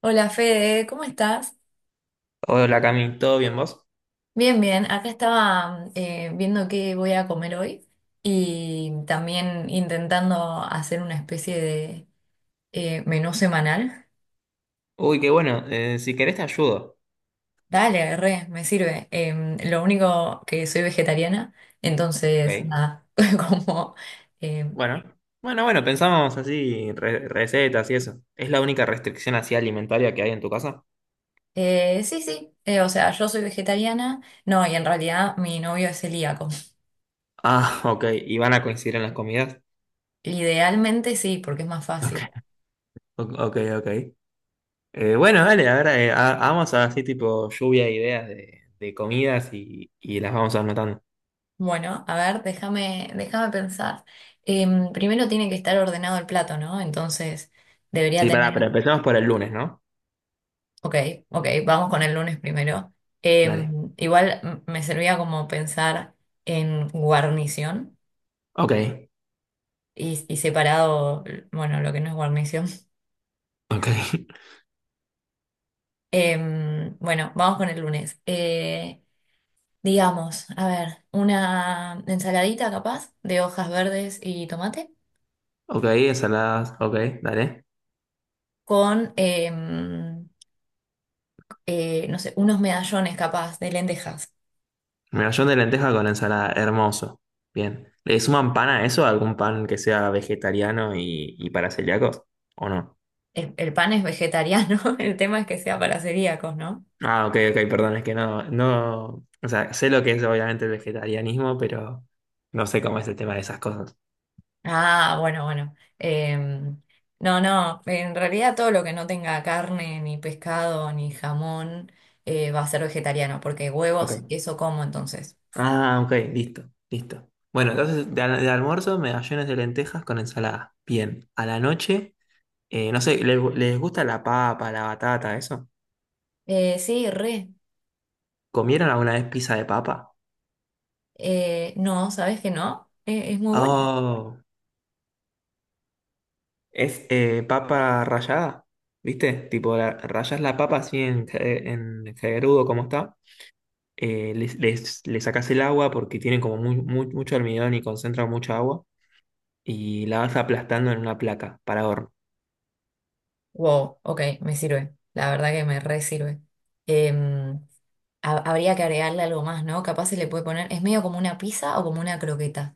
Hola Fede, ¿cómo estás? Hola Cami, ¿todo bien vos? Bien, bien. Acá estaba viendo qué voy a comer hoy y también intentando hacer una especie de menú semanal. Uy, qué bueno, si querés te ayudo. Dale, re, me sirve. Lo único que soy vegetariana, entonces Ok. nada, como... em, Bueno, bueno, pensamos así, recetas y eso. ¿Es la única restricción así alimentaria que hay en tu casa? Sí, sí, o sea, yo soy vegetariana, no, y en realidad mi novio es celíaco. Ah, ok, ¿y van a coincidir en las comidas? Idealmente sí, porque es más Ok, fácil. ok, ok. Bueno, dale, ahora vamos a así tipo lluvia de ideas de comidas y las vamos anotando. Bueno, a ver, déjame pensar. Primero tiene que estar ordenado el plato, ¿no? Entonces debería Sí, tener. pará, pero empezamos por el lunes, ¿no? Ok, ok, vamos con el lunes primero. Dale. Igual me servía como pensar en guarnición Ok, y separado, bueno, lo que no es guarnición. ok, bueno, vamos con el lunes. Digamos, a ver, una ensaladita capaz de hojas verdes y tomate ok, ensaladas, ok, dale. con. No sé, unos medallones capaz de lentejas. Medallón de lenteja con ensalada, hermoso. Bien. ¿Le suman pan a eso? ¿Algún pan que sea vegetariano y para celíacos? ¿O no? El pan es vegetariano, el tema es que sea para celíacos, ¿no? Ah, ok, ok, perdón, es que no. O sea, sé lo que es obviamente el vegetarianismo, pero no sé cómo es el tema de esas cosas. Ah, bueno, bueno. No, no, en realidad todo lo que no tenga carne, ni pescado, ni jamón, va a ser vegetariano, porque huevos y Ok. queso como entonces. Ah, ok, listo, listo. Bueno, entonces de almuerzo, medallones de lentejas con ensalada. Bien. A la noche, no sé, les gusta la papa, la batata, eso? Sí, re. ¿Comieron alguna vez pizza de papa? No, ¿sabes que no? Es muy buena. Oh. Es papa rallada, ¿viste? Tipo, rayas la papa así en, en caerudo como está. Le sacás el agua porque tiene como mucho almidón y concentra mucha agua. Y la vas aplastando en una placa para horno. Wow, ok, me sirve. La verdad que me re sirve. Em, habría que agregarle algo más, ¿no? Capaz se le puede poner, es medio como una pizza o como una croqueta.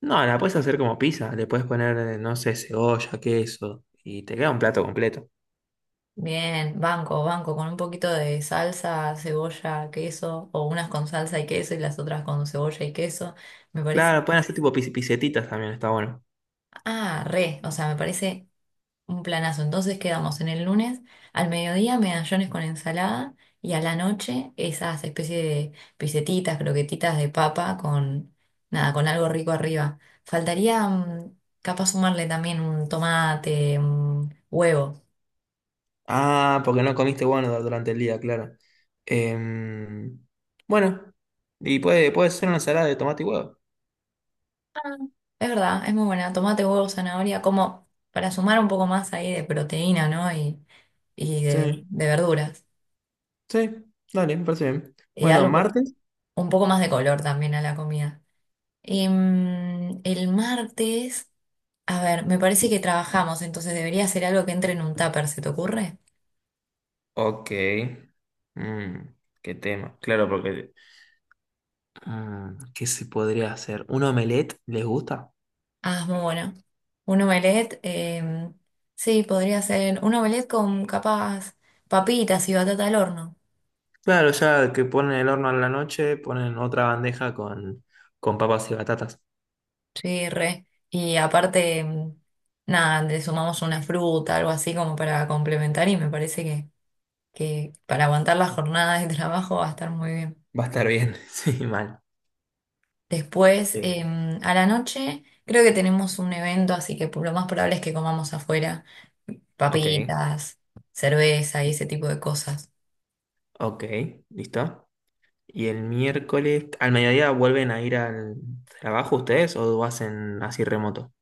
No, la puedes hacer como pizza. Le puedes poner, no sé, cebolla, queso. Y te queda un plato completo. Bien, banco, banco, con un poquito de salsa, cebolla, queso, o unas con salsa y queso y las otras con cebolla y queso. Me parece, Claro, pueden hacer tipo pisetitas también, está bueno. ah, re, o sea, me parece un planazo. Entonces quedamos en el lunes al mediodía medallones con ensalada y a la noche esas especies de pisetitas, croquetitas de papa con nada, con algo rico arriba. Faltaría mm, capaz sumarle también un tomate, un huevo. Ah, porque no comiste bueno durante el día, claro. Em, bueno, y puede ser una ensalada de tomate y huevo. Ah, es verdad, es muy buena. Tomate, huevo, zanahoria, como para sumar un poco más ahí de proteína, ¿no? Y Sí, de verduras. sí, dale, me parece bien. Y Bueno, darle martes. un poco más de color también a la comida. El martes. A ver, me parece que trabajamos, entonces debería ser algo que entre en un tupper, ¿se te ocurre? Ok. Mm, qué tema. Claro, porque... mm, ¿qué se podría hacer? ¿Un omelette les gusta? Ah, es muy bueno. Un omelette, sí, podría ser un omelette con capaz papitas y batata al horno. Claro, ya que ponen el horno a la noche, ponen otra bandeja con papas y batatas. Sí, re. Y aparte, nada, le sumamos una fruta, algo así como para complementar y me parece que para aguantar la jornada de trabajo va a estar muy bien. Va a estar bien, sí, mal. Después, Sí. A la noche, creo que tenemos un evento, así que lo más probable es que comamos afuera. Ok, Papitas, cerveza y ese tipo de cosas. ok, listo. Y el miércoles, ¿al mediodía vuelven a ir al trabajo ustedes o hacen así remoto?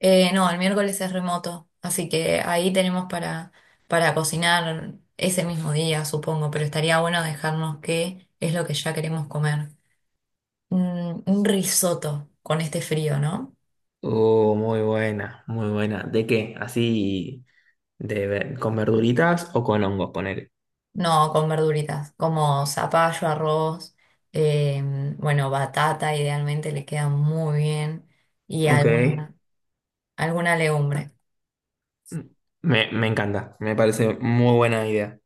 No, el miércoles es remoto, así que ahí tenemos para cocinar ese mismo día, supongo, pero estaría bueno dejarnos qué es lo que ya queremos comer. Mm, un risotto con este frío, ¿no? Oh, muy buena, muy buena. ¿De qué? ¿Así con verduritas o con hongos, ponele? No, con verduritas, como zapallo, arroz, eh, bueno, batata, idealmente le queda muy bien, y Ok. alguna, alguna legumbre. Me encanta, me parece muy buena idea.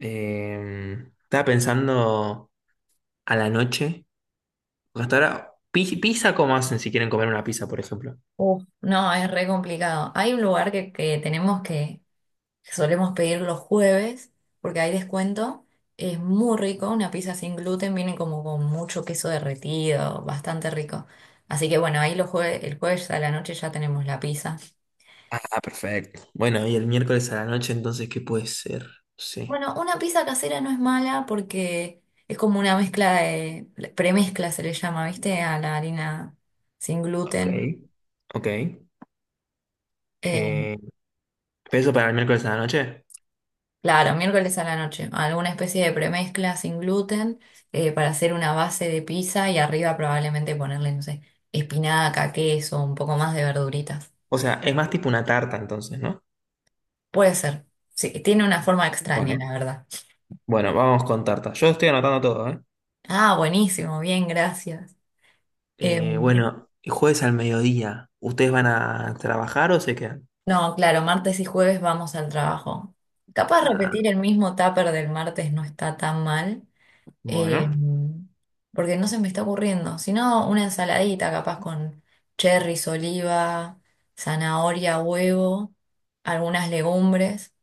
Eh, Estaba pensando a la noche, porque hasta ahora, pizza, ¿cómo hacen si quieren comer una pizza, por ejemplo? Uf, no, es re complicado. Hay un lugar que tenemos que solemos pedir los jueves porque hay descuento. Es muy rico, una pizza sin gluten viene como con mucho queso derretido, bastante rico. Así que bueno, ahí los el jueves a la noche ya tenemos la pizza. Ah, perfecto. Bueno, y el miércoles a la noche, entonces, ¿qué puede ser? Sí. Bueno, una pizza casera no es mala porque es como una mezcla de, premezcla se le llama, ¿viste? A la harina sin Ok. gluten. Ok. eh, Eh, Peso para el miércoles a la noche. Claro, miércoles a la noche. Alguna especie de premezcla sin gluten para hacer una base de pizza y arriba probablemente ponerle, no sé, espinaca, queso, un poco más de verduritas. O sea, es más tipo una tarta entonces, ¿no? Puede ser. Sí, tiene una forma extraña, Bueno, la verdad. bueno, vamos con tarta. Yo estoy anotando todo, ¿eh? Ah, buenísimo, bien, gracias. Em, Bueno, el jueves al mediodía, ¿ustedes van a trabajar o se quedan? no, claro, martes y jueves vamos al trabajo. Capaz repetir Ah, el mismo tupper del martes no está tan mal. eh, bueno, Porque no se me está ocurriendo, sino una ensaladita capaz con cherries, oliva, zanahoria, huevo, algunas legumbres,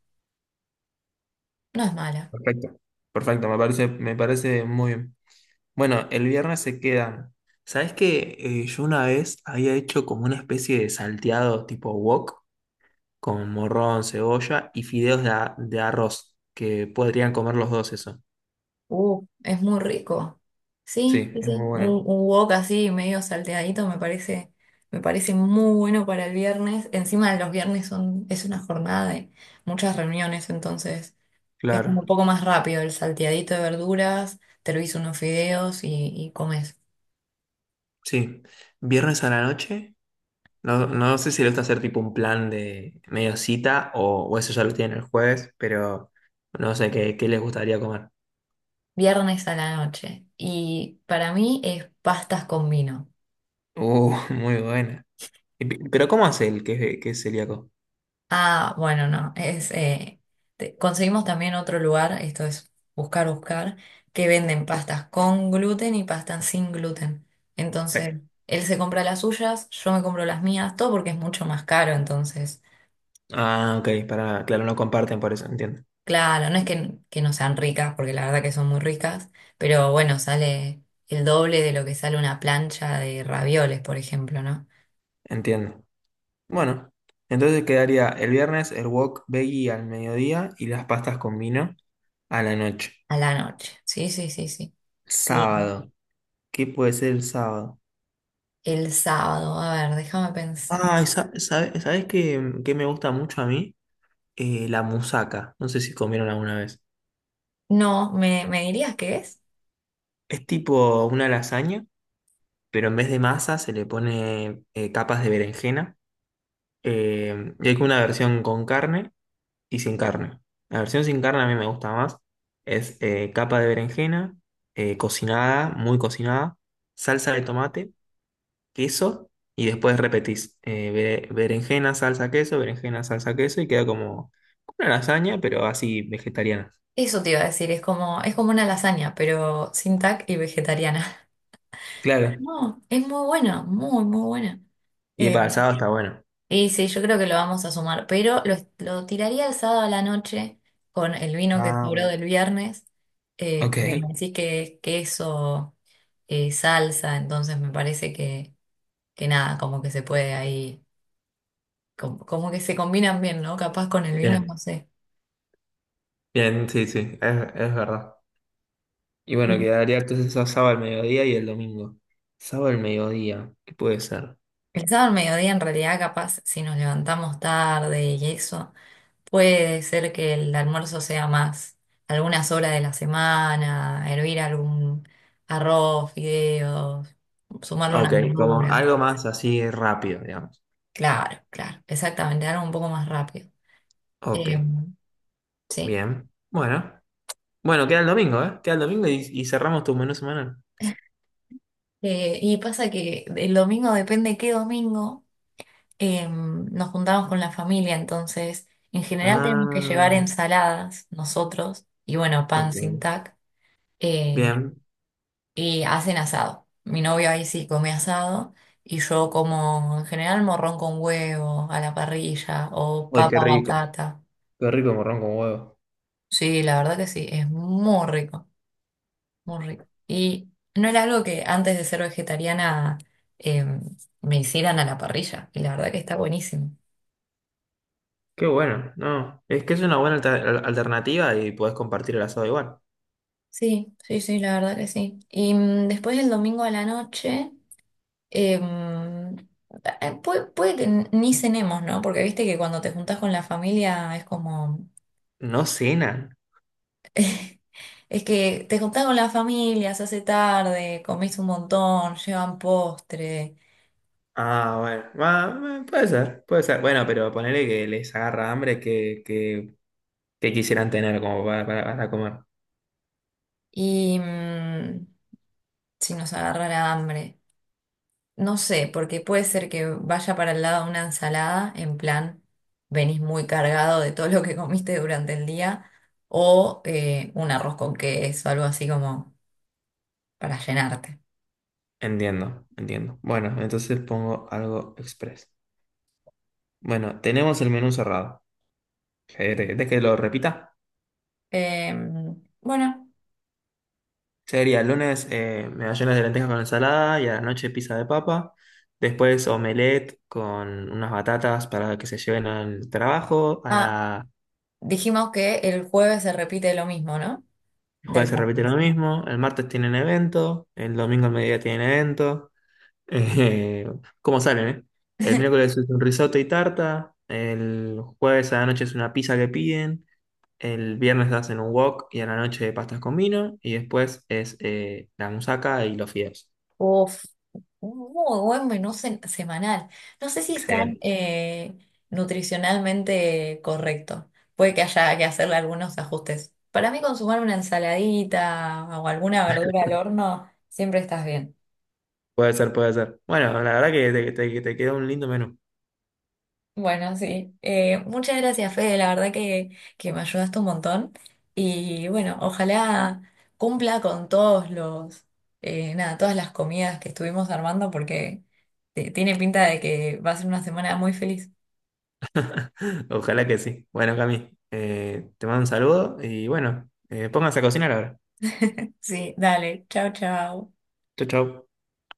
no es mala. perfecto. Perfecto, me parece muy bien. Bueno, el viernes se quedan. ¿Sabes qué? Yo una vez había hecho como una especie de salteado tipo wok con morrón, cebolla y fideos de arroz, que podrían comer los dos eso. Es muy rico. Sí, Sí, sí, es muy sí. Bueno. Un wok así medio salteadito me parece muy bueno para el viernes. Encima los viernes son, es una jornada de muchas reuniones, entonces es como un Claro. poco más rápido el salteadito de verduras, te lo hizo unos fideos y comes. Sí. Viernes a la noche. No, no sé si lo está a hacer tipo un plan de medio cita o eso ya lo tienen el jueves, pero no sé qué, qué les gustaría comer. Viernes a la noche. Y para mí es pastas con vino. Muy buena. Y pero ¿cómo hace el que es celíaco? Ah, bueno, no. Es, conseguimos también otro lugar, esto es buscar, buscar, que venden pastas con gluten y pastas sin gluten. Sí. Entonces, él se compra las suyas, yo me compro las mías, todo porque es mucho más caro. Entonces, Ah, ok, para, claro, no comparten por eso, entiendo. claro, no es que no sean ricas, porque la verdad que son muy ricas, pero bueno, sale el doble de lo que sale una plancha de ravioles, por ejemplo, ¿no? Entiendo. Bueno, entonces quedaría el viernes el wok veggie al mediodía y las pastas con vino a la noche. A la noche. Sí, sí, sí, sí. Sí. Sábado. ¿Qué puede ser el sábado? El sábado, a ver, déjame pensar. ¿Sabes qué, qué me gusta mucho a mí? La musaca. No sé si comieron alguna vez. No, ¿me, me dirías qué es? Es tipo una lasaña, pero en vez de masa se le pone capas de berenjena. Y hay como una versión con carne y sin carne. La versión sin carne a mí me gusta más. Es capa de berenjena, cocinada, muy cocinada, salsa de tomate queso y después repetís berenjena, salsa, queso y queda como una lasaña, pero así vegetariana. Eso te iba a decir, es como una lasaña, pero sin tac y vegetariana. Claro. No, es muy buena, muy, muy buena. Y Eh, para el sábado está bueno. y sí, yo creo que lo vamos a sumar, pero lo tiraría el sábado a la noche con el vino que Ah, sobró bueno. del viernes, Ok, porque me decís que es queso, salsa, entonces me parece que nada, como que se puede ahí, como, como que se combinan bien, ¿no? Capaz con el vino, bien, no sé. bien, sí, sí, es verdad. Y bueno, Sí. quedaría entonces el sábado al mediodía y el domingo. Sábado al mediodía, ¿qué puede ser? El sábado al mediodía, en realidad, capaz, si nos levantamos tarde y eso, puede ser que el almuerzo sea más algunas horas de la semana, hervir algún arroz, fideos, sumarle Ok, unas como verduras. algo más así rápido, digamos. Claro, claro, exactamente, algo un poco más rápido. Ok, Eh, sí. bien. Bueno, bueno, queda el domingo, ¿eh? Queda el domingo y cerramos tu menú semanal. Y pasa que el domingo, depende qué domingo, nos juntamos con la familia, entonces, en general tenemos que llevar Ah, ensaladas nosotros, y bueno, pan sin ok. tac. eh, Bien. y hacen asado. Mi novio ahí sí come asado y yo como en general morrón con huevo a la parrilla o Uy, qué papa rico. batata. Qué rico morrón con huevo. Sí, la verdad que sí, es muy rico, muy rico. Y no era algo que antes de ser vegetariana eh, me hicieran a la parrilla y la verdad que está buenísimo. Qué bueno. No, es que es una buena alternativa y podés compartir el asado igual. Sí, sí, sí, la verdad que sí. Y mm, después el domingo a la noche... Em, puede, ni cenemos, ¿no? Porque viste que cuando te juntás con la familia es como... No cenan. Es que te juntás con la familia, se hace tarde, comés un montón, llevan postre Ah, bueno. Ah, puede ser, puede ser. Bueno, pero ponele que les agarra hambre que quisieran tener como para comer. y mm, si nos agarrara hambre. No sé, porque puede ser que vaya para el lado una ensalada, en plan, venís muy cargado de todo lo que comiste durante el día, o un arroz con queso, algo así como para llenarte. Entiendo, entiendo. Bueno, entonces pongo algo express. Bueno, tenemos el menú cerrado. ¿Querés que lo repita? Bueno, Sería el lunes medallones de lentejas con ensalada y a la noche pizza de papa. Después omelette con unas batatas para que se lleven al trabajo. A ah, la... dijimos que el jueves se repite lo mismo, ¿no? El jueves Del se repite lo martes. mismo. El martes tienen evento. El domingo al mediodía tienen evento. Eh, ¿Cómo salen, eh? El miércoles es un risotto y tarta. El jueves a la noche es una pizza que piden. El viernes hacen un wok y a la noche pastas con vino. Y después es la musaca y los fideos. Uf, un muy buen menú semanal. No sé si es tan Excelente. Nutricionalmente correcto. Puede que haya que hacerle algunos ajustes. Para mí, consumar una ensaladita o alguna verdura al horno, siempre estás bien. Puede ser, puede ser. Bueno, la verdad que te quedó un lindo menú. Bueno, sí. Muchas gracias, Fede. La verdad que me ayudaste un montón. Y bueno, ojalá cumpla con todos los, nada, todas las comidas que estuvimos armando porque tiene pinta de que va a ser una semana muy feliz. Ojalá que sí. Bueno, Cami, te mando un saludo y bueno, pónganse a cocinar ahora. Sí, dale. Chao, chao. Chau, chau.